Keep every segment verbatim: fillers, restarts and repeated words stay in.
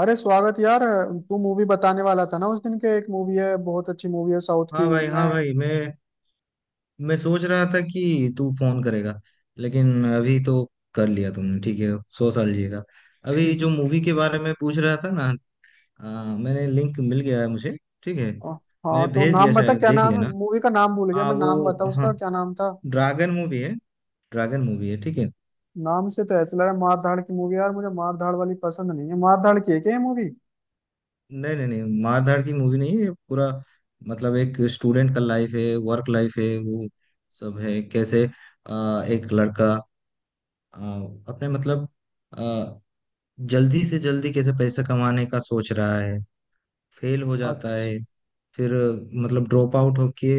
अरे स्वागत यार। तू मूवी बताने वाला था ना, उस दिन के एक मूवी है, बहुत अच्छी मूवी है साउथ हाँ की। भाई, मैं। हाँ भाई। मैं मैं सोच रहा था कि तू फोन करेगा, लेकिन अभी तो कर लिया तुमने, ठीक है। सौ साल जिएगा। अभी जो मूवी के बारे में पूछ रहा था ना, आ, मैंने लिंक मिल गया है मुझे। ठीक है। मैंने हाँ तो भेज दिया, नाम बता, शायद क्या देख नाम है लेना। मूवी का? नाम भूल गया हाँ मैं। नाम बता, वो, उसका हाँ। क्या नाम था? ड्रैगन मूवी है। ड्रैगन मूवी है, ठीक है। नाम से तो ऐसे लग रहा है मार धाड़ की मूवी यार, मुझे मार धाड़ वाली पसंद नहीं है। मार धाड़ की है क्या ये मूवी? नहीं, नहीं, नहीं, मारधाड़ की मूवी नहीं है ये। पूरा मतलब एक स्टूडेंट का लाइफ है, वर्क लाइफ है, वो सब है। कैसे? आ, एक लड़का, आ, अपने मतलब जल्दी से जल्दी कैसे पैसा कमाने का सोच रहा है। फेल हो जाता अच्छा। है। फिर मतलब ड्रॉप आउट होके,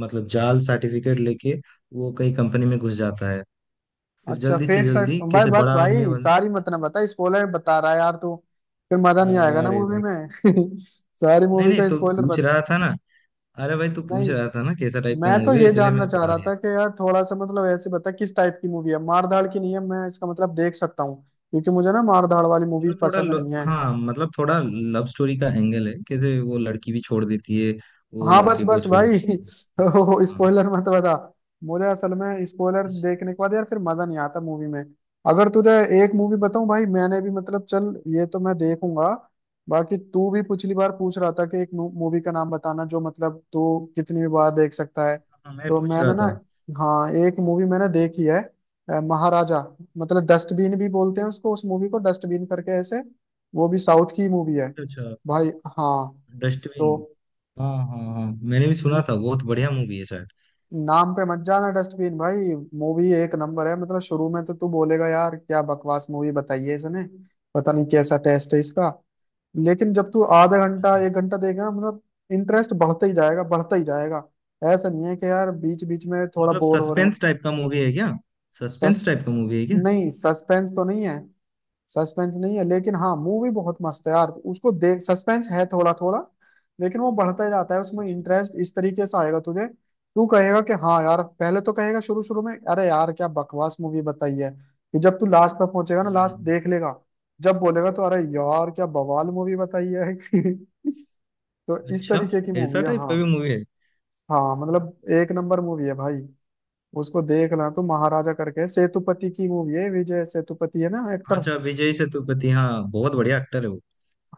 मतलब जाल सर्टिफिकेट लेके वो कई कंपनी में घुस जाता है। फिर अच्छा जल्दी से फेक साइड जल्दी भाई। कैसे बस बड़ा आदमी भाई बन। सारी मत ना बता, स्पॉइलर बता रहा है यार तू। फिर मजा नहीं आएगा ना अरे मूवी भाई, में। सारी नहीं मूवी नहीं, का तो स्पॉइलर पूछ बता। रहा था ना। अरे भाई, तू पूछ नहीं, रहा था ना कैसा टाइप का मैं तो मूवी है, ये इसलिए जानना मैंने चाह बता रहा दिया। था कि यार थोड़ा सा मतलब ऐसे बता किस टाइप की मूवी है। मार धाड़ की नहीं है, मैं इसका मतलब देख सकता हूँ क्योंकि मुझे ना मार धाड़ वाली मूवीज मतलब थोड़ा पसंद ल- नहीं है। हाँ, मतलब थोड़ा लव स्टोरी का एंगल है, कैसे वो लड़की भी छोड़ देती है, वो हाँ बस लड़के को बस छोड़ भाई। देती है। ओ, हाँ। स्पॉइलर मत बता। मुझे असल में स्पॉयलर्स देखने के बाद यार फिर मजा नहीं आता मूवी में। अगर तुझे एक मूवी बताऊं भाई, मैंने भी मतलब चल, ये तो मैं देखूंगा। बाकी तू भी पिछली बार पूछ रहा था कि एक मूवी का नाम बताना जो मतलब तू कितनी भी बार देख सकता है। हाँ, मैं तो पूछ रहा मैंने ना, था। हाँ एक मूवी मैंने देखी है, अ, महाराजा। मतलब डस्टबिन भी बोलते हैं उसको, उस मूवी को डस्टबिन करके ऐसे। वो भी साउथ की मूवी है अच्छा। भाई। हाँ तो डस्टबिन, हाँ हाँ हाँ, मैंने भी सुना था बहुत बढ़िया मूवी है शायद। नाम पे मत जाना डस्टबिन भाई, मूवी एक नंबर है। मतलब शुरू में तो तू बोलेगा यार क्या बकवास मूवी बताई है इसने, पता नहीं कैसा टेस्ट है इसका। लेकिन जब तू आधा घंटा अच्छा। एक घंटा देखेगा मतलब इंटरेस्ट बढ़ता ही जाएगा, बढ़ता ही जाएगा। ऐसा नहीं है कि यार बीच बीच में थोड़ा मतलब बोर हो रहे हैं। सस्पेंस टाइप का मूवी है क्या? सस्पेंस सस टाइप का मूवी है क्या? नहीं सस्पेंस तो नहीं है। सस्पेंस नहीं है, लेकिन हाँ मूवी बहुत मस्त है यार, उसको देख। सस्पेंस है थोड़ा थोड़ा, लेकिन वो बढ़ता ही जाता है, उसमें अच्छा। इंटरेस्ट इस तरीके से आएगा तुझे। तू कहेगा कि हाँ यार, पहले तो कहेगा शुरू शुरू में अरे यार क्या बकवास मूवी बताई है, कि जब तू लास्ट पर पहुंचेगा ना, लास्ट हम्म, देख लेगा, जब बोलेगा तो अरे यार क्या बवाल मूवी बताई है। तो इस अच्छा। तरीके की मूवी ऐसा है टाइप हाँ। का भी मूवी है? हाँ मतलब एक नंबर मूवी है भाई, उसको देखना। तो महाराजा करके सेतुपति की मूवी है, विजय सेतुपति है ना एक्टर। अच्छा, विजय सेतुपति, हाँ बहुत बढ़िया एक्टर है वो।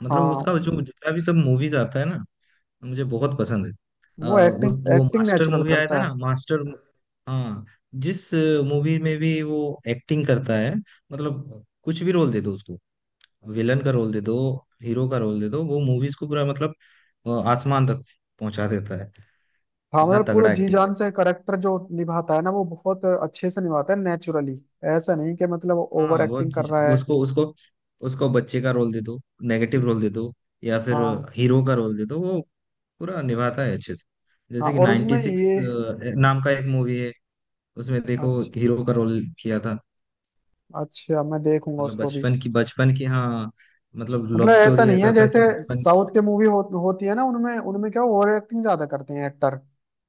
मतलब उसका हाँ जो जितना भी सब मूवीज आता है ना, मुझे बहुत पसंद है। वो आ, एक्टिंग उस वो एक्टिंग मास्टर नेचुरल मूवी आया था करता है। ना, मास्टर। हाँ, जिस मूवी में भी वो एक्टिंग करता है, मतलब कुछ भी रोल दे दो उसको, विलन का रोल दे दो, हीरो का रोल दे दो, वो मूवीज को पूरा मतलब अ, आसमान तक पहुंचा देता है। हाँ इतना मतलब पूरा तगड़ा जी एक्टिंग जान कर। से करेक्टर जो निभाता है ना, वो बहुत अच्छे से निभाता है नेचुरली। ऐसा नहीं कि मतलब ओवर हाँ वो एक्टिंग कर ज- रहा है। उसको उसको उसको बच्चे का रोल दे दो, नेगेटिव रोल दे दो, या फिर हाँ। हीरो का रोल दे दो, वो पूरा निभाता है अच्छे से। हाँ जैसे कि और उसमें 96 सिक्स ये नाम का एक मूवी है, उसमें देखो अच्छा। हीरो का रोल किया था। अच्छा मैं देखूंगा मतलब उसको भी। बचपन की, बचपन की, हाँ मतलब लव मतलब ऐसा स्टोरी नहीं है ऐसा था जैसे कि बचपन। साउथ के मूवी हो, होती है ना, उनमें उनमें क्या ओवर एक्टिंग ज्यादा करते हैं एक्टर,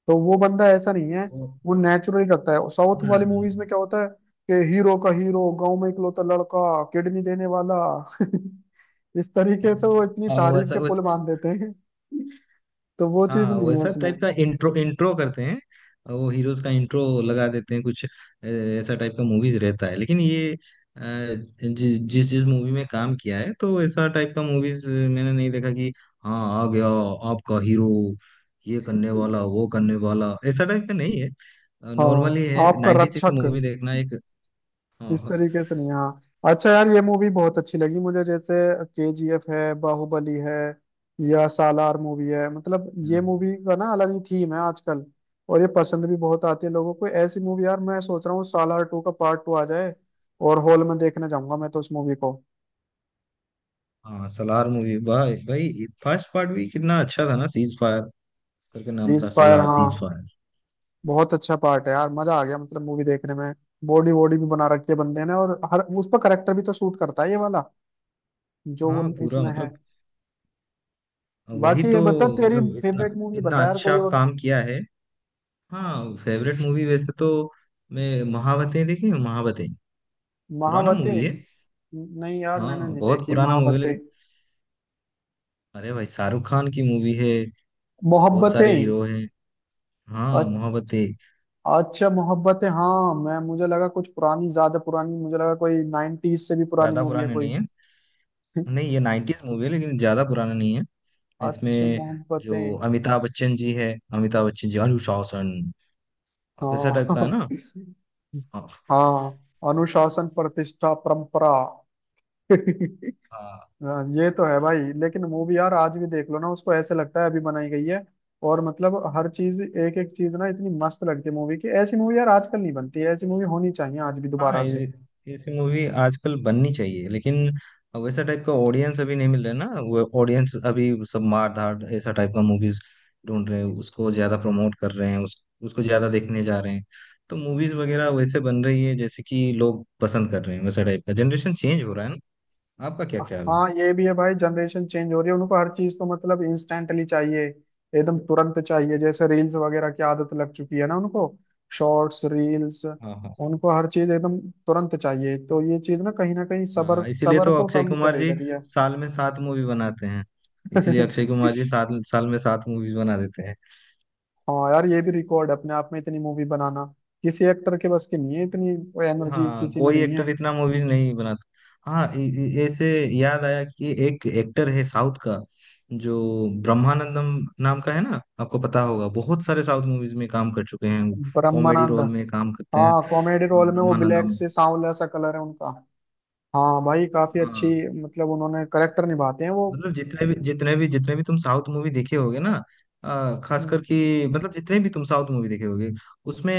तो वो बंदा ऐसा नहीं है। ओ, वो नेचुरली रखता है। साउथ हाँ, हाँ, वाली मूवीज हाँ, में क्या होता है कि हीरो का, हीरो गांव में इकलौता लड़का किडनी देने वाला। इस तरीके से वो इतनी हाँ, तारीफ वैसा। के पुल बांध देते हैं, तो वो चीज हाँ नहीं है वैसा इसमें। टाइप का इंट्रो इंट्रो करते हैं, वो हीरोज का इंट्रो लगा देते हैं। कुछ अ, ऐसा टाइप का मूवीज रहता है। लेकिन ये अ, जि, जिस जिस मूवी में काम किया है, तो ऐसा टाइप का मूवीज मैंने नहीं देखा कि हाँ आ गया आपका हीरो, ये करने वाला, वो करने वाला, ऐसा टाइप का नहीं है। नॉर्मली हाँ है। आपका नाइंटी सिक्स रक्षक, मूवी देखना एक। इस हाँ तरीके से नहीं। हाँ अच्छा यार ये मूवी बहुत अच्छी लगी मुझे। जैसे केजीएफ है, बाहुबली है, या सालार मूवी है, मतलब हाँ ये मूवी का ना अलग ही थीम है आजकल, और ये पसंद भी बहुत आती है लोगों को ऐसी मूवी। यार मैं सोच रहा हूँ सालार टू का पार्ट टू आ जाए, और हॉल में देखने जाऊंगा मैं तो उस मूवी को। हाँ, सलार मूवी, भाई भाई फर्स्ट पार्ट भी कितना अच्छा था ना, सीज फायर करके नाम था, सीज फायर सलार हाँ, सीज फायर। बहुत अच्छा पार्ट है यार, मजा आ गया मतलब मूवी देखने में। बॉडी वॉडी भी बना रखी है बंदे ने, और हर उस पर करेक्टर भी तो सूट करता है ये वाला जो वो हाँ पूरा इसमें है। मतलब, वही बाकी ये तो। बता तेरी मतलब इतना फेवरेट मूवी इतना बता यार कोई अच्छा और। काम किया है। हाँ फेवरेट मूवी वैसे तो मैं महावतें देखी है, महावतें पुराना महावते। मूवी है। नहीं यार मैंने हाँ नहीं बहुत देखी पुराना मूवी, महावते। लेकिन अरे भाई शाहरुख खान की मूवी है। बहुत सारे मोहब्बतें। हीरो हैं। हाँ, अ- महावतें। अच्छा मोहब्बतें हाँ, मैं मुझे लगा कुछ पुरानी, ज्यादा पुरानी मुझे लगा, कोई नाइनटीज से भी पुरानी ज्यादा मूवी है पुराने कोई। नहीं है। नहीं, ये नाइन्टीज मूवी है, लेकिन ज्यादा पुराना नहीं है। अच्छा इसमें जो मोहब्बतें अमिताभ बच्चन जी है, अमिताभ बच्चन जी अनुशासन ऑफिसर टाइप का है हाँ। ना। हाँ। हाँ अनुशासन प्रतिष्ठा परंपरा। हाँ, हाँ, ये तो है भाई, लेकिन मूवी यार आज भी देख लो ना उसको, ऐसे लगता है अभी बनाई गई है। और मतलब हर चीज, एक एक चीज ना इतनी मस्त लगती है मूवी की। ऐसी मूवी यार आजकल नहीं बनती है, ऐसी मूवी होनी चाहिए आज भी हाँ, दोबारा से। ये- ऐसी मूवी आजकल बननी चाहिए, लेकिन वैसा टाइप का ऑडियंस अभी नहीं मिल रहा है ना। वो ऑडियंस अभी सब मार धाड़ ऐसा टाइप का मूवीज ढूंढ रहे हैं, उसको ज्यादा प्रमोट कर रहे हैं, उस, उसको ज्यादा देखने जा रहे हैं। तो मूवीज वगैरह वैसे बन रही है जैसे कि लोग पसंद कर रहे हैं। वैसा टाइप का जनरेशन चेंज हो रहा है ना। आपका क्या ख्याल है? हाँ ये भी है भाई, जनरेशन चेंज हो रही है। उनको हर चीज तो मतलब इंस्टेंटली चाहिए, एकदम तुरंत चाहिए। जैसे रील्स वगैरह की आदत लग चुकी है ना उनको, शॉर्ट्स रील्स, हाँ हाँ उनको हर चीज एकदम तुरंत चाहिए। तो ये चीज ना कहीं ना कहीं सबर हाँ, इसीलिए सबर तो को अक्षय कम कुमार करे जी जा रही है। साल में सात मूवी बनाते हैं। इसीलिए अक्षय कुमार जी सात साल में सात मूवीज बना देते हैं। हाँ यार ये भी रिकॉर्ड है अपने आप में इतनी मूवी बनाना, किसी एक्टर के बस की नहीं है, इतनी एनर्जी हाँ किसी में कोई नहीं है। एक्टर इतना मूवीज नहीं बनाता। हाँ इ- इ- ऐसे याद आया कि एक एक्टर है साउथ का, जो ब्रह्मानंदम नाम का है ना, आपको पता होगा। बहुत सारे साउथ मूवीज में काम कर चुके हैं, कॉमेडी ब्रह्मानंद। रोल में काम करते हैं। हाँ कॉमेडी रोल हाँ, में वो, ब्लैक ब्रह्मानंदम। से सांवला सा कलर है उनका। हाँ भाई काफी हाँ अच्छी, मतलब उन्होंने करेक्टर निभाते हैं वो। मतलब जितने भी जितने भी जितने भी तुम साउथ मूवी देखे होगे ना, आ, खास करके मतलब जितने भी तुम साउथ मूवी देखे होगे उसमें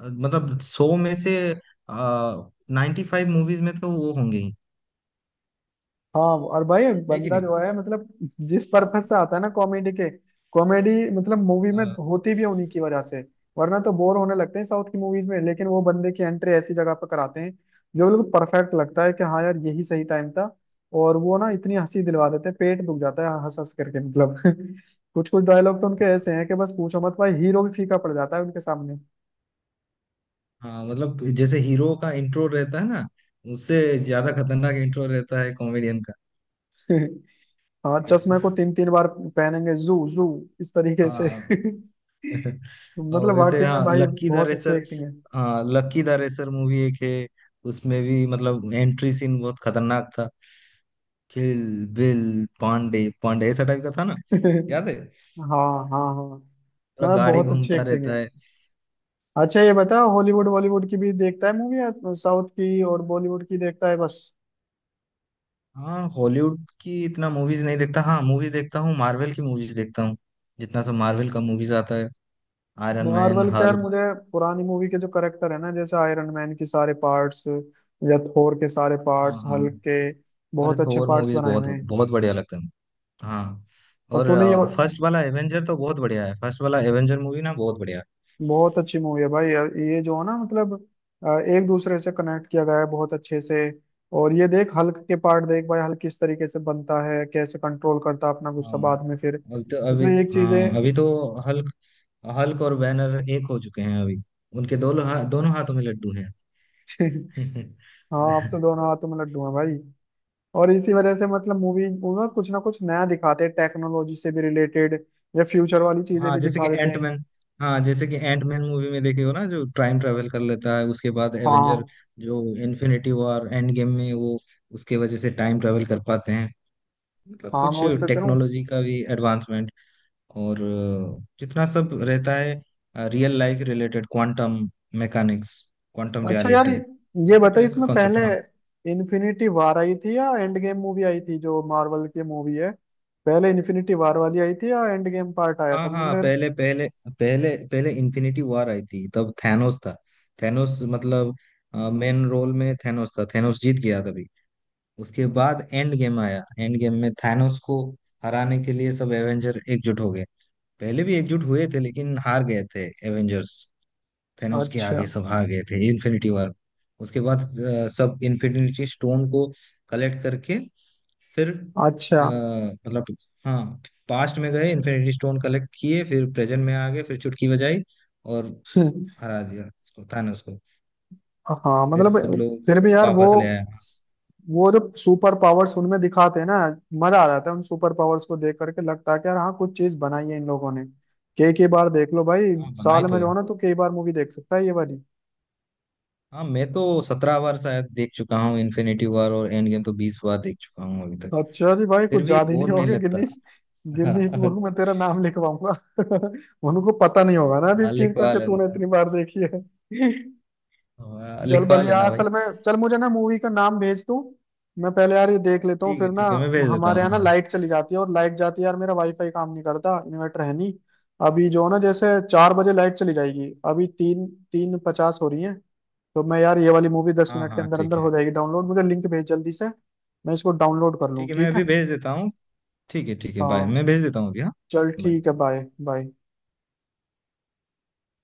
अ, मतलब सौ में से नाइन्टी फाइव मूवीज में तो वो होंगे ही। हाँ और भाई है कि बंदा नहीं? जो है, मतलब जिस पर्पज से आता है ना, कॉमेडी के, कॉमेडी मतलब मूवी में होती भी है उन्हीं की वजह से, वरना तो बोर होने लगते हैं साउथ की मूवीज में। लेकिन वो बंदे की एंट्री ऐसी जगह पर कराते हैं जो बिल्कुल परफेक्ट लगता है कि हाँ यार यही सही टाइम था। और वो ना इतनी हंसी दिलवा देते हैं, पेट दुख जाता है हंस हंस करके मतलब। कुछ कुछ डायलॉग तो उनके ऐसे हैं कि बस पूछो मत भाई, हीरो भी फीका पड़ जाता है उनके सामने। हाँ मतलब जैसे हीरो का इंट्रो रहता है ना, उससे ज्यादा खतरनाक इंट्रो रहता है कॉमेडियन का। हाँ इस चश्मे को तीन तीन बार पहनेंगे जू जू इस तरीके से। हाँ। और मतलब वैसे, वाकई में हाँ भाई लक्की द बहुत अच्छी रेसर। एक्टिंग है। हाँ लक्की द रेसर मूवी एक है, उसमें भी मतलब एंट्री सीन बहुत खतरनाक था। किल बिल, पांडे पांडे, ऐसा टाइप का था ना, याद है? हाँ हाँ हाँ, पूरा मतलब गाड़ी बहुत अच्छी घूमता एक्टिंग रहता है। है। अच्छा ये बता हॉलीवुड बॉलीवुड की भी देखता है मूवी, या साउथ की और बॉलीवुड की देखता है बस? हाँ, हॉलीवुड की इतना मूवीज नहीं देखता। हाँ मूवी देखता हूँ, मार्वल की मूवीज देखता हूँ। जितना सब मार्वल का मूवीज आता है, आयरन मैन, मार्वल के यार हल्क। मुझे, पुरानी मूवी के जो करेक्टर है ना, जैसे आयरन मैन के सारे पार्ट्स या थोर के सारे हाँ पार्ट्स, हाँ, हल्क के, अरे बहुत अच्छे थोर पार्ट्स मूवीज बनाए बहुत हुए हैं। बहुत बढ़िया लगते हैं। हाँ, और और तूने ये, फर्स्ट वाला एवेंजर तो बहुत बढ़िया है, फर्स्ट वाला एवेंजर मूवी ना बहुत बढ़िया है। बहुत अच्छी मूवी है भाई ये। जो है ना मतलब अ, एक दूसरे से कनेक्ट किया गया है बहुत अच्छे से। और ये देख हल्क के पार्ट देख भाई, हल्क किस तरीके से बनता है, कैसे कंट्रोल करता है अपना गुस्सा हाँ बाद में फिर, अभी तो, मतलब अभी एक चीज है। हाँ, अभी तो हल्क हल्क और बैनर एक हो चुके हैं अभी। उनके दोनों हा, दोनों हाथों में लड्डू हैं। हाँ अब तो दोनों हाथों में लड्डू हैं भाई। और इसी वजह से मतलब मूवी ना कुछ ना कुछ नया दिखाते हैं टेक्नोलॉजी से भी रिलेटेड, या फ्यूचर वाली चीजें हाँ, भी जैसे कि दिखा देते हैं। एंटमैन। हाँ, जैसे कि एंटमैन मूवी में देखे हो ना, जो टाइम ट्रेवल कर लेता है, उसके बाद एवेंजर हाँ। जो इन्फिनिटी वॉर एंड गेम में, वो उसके वजह से टाइम ट्रेवल कर पाते हैं, मतलब हाँ मैं कुछ वही तो कह रहा हूँ। टेक्नोलॉजी का भी एडवांसमेंट। और अ, जितना सब रहता है real life related, quantum mechanics, quantum अच्छा यार रियलिटी, ये ऐसा बताइए, टाइप का इसमें कॉन्सेप्ट पहले है। हाँ इन्फिनिटी वार आई थी या एंड गेम मूवी आई थी, जो मार्वल की मूवी है? पहले इन्फिनिटी वार वाली आई थी या एंड गेम पार्ट आया हाँ था, मुझे हाँ, लग पहले पहले, पहले पहले इन्फिनिटी वॉर आई थी, तब थैनोस था। थैनोस मतलब मेन रोल में थैनोस था। थैनोस जीत गया तभी। उसके बाद एंड गेम आया, एंड गेम में थैनोस को हराने के लिए सब एवेंजर एकजुट हो गए। पहले भी एकजुट हुए थे, लेकिन हार गए थे एवेंजर्स। रहा। थेनोस के अच्छा। आगे सब हार गए थे इन्फिनिटी वॉर। उसके बाद अ, सब इन्फिनिटी स्टोन को कलेक्ट करके, फिर अच्छा। अ, मतलब हाँ, पास्ट में गए, इन्फिनिटी स्टोन कलेक्ट किए, फिर प्रेजेंट में आ गए, फिर चुटकी बजाई और हरा दिया उसको, थानोस को। हाँ फिर मतलब, सब लोगों फिर को भी फिर यार वो वापस ले आया। वो जो सुपर पावर्स उनमें दिखाते हैं ना, मजा आ जाता है उन सुपर पावर्स को देख करके, लगता है कि यार हाँ कुछ चीज बनाई है इन लोगों ने। कई कई बार देख लो भाई, हाँ, बनाई साल तो में जो है। है ना तो कई बार मूवी देख सकता है ये वाली। हाँ, मैं तो सत्रह बार शायद देख चुका हूँ इन्फिनिटी वॉर, और एंड गेम तो बीस बार देख चुका हूँ अभी तक। अच्छा जी भाई फिर कुछ भी याद ही नहीं बोर नहीं होगा। लगता। गिनीज, गिनीज बुक में तेरा नाम लिखवाऊंगा। उनको पता नहीं होगा ना अभी हाँ, इस चीज का लिखवा कि तूने लेना। इतनी बार देखी है। हाँ, चल लिखवा भले यार, लेना भाई। असल में चल मुझे ना मूवी का नाम भेज तू, मैं पहले यार ये देख लेता हूँ ठीक है फिर ना। ठीक है, मैं भेज देता हमारे यहाँ हूँ। ना हाँ। लाइट चली जाती है, और लाइट जाती है यार मेरा वाईफाई काम नहीं करता, इन्वर्टर है नहीं। अभी जो है ना, जैसे चार बजे लाइट चली जाएगी, अभी तीन, तीन पचास हो रही है। तो मैं यार ये वाली मूवी दस हाँ मिनट के हाँ, अंदर अंदर ठीक है हो जाएगी डाउनलोड, मुझे लिंक भेज जल्दी से, मैं इसको डाउनलोड कर लूँ, ठीक है, मैं ठीक है? अभी भेज देता हूँ। ठीक है ठीक है, बाय, मैं हाँ भेज देता हूँ अभी। हाँ। चल Bye. ठीक है बाय। बाय।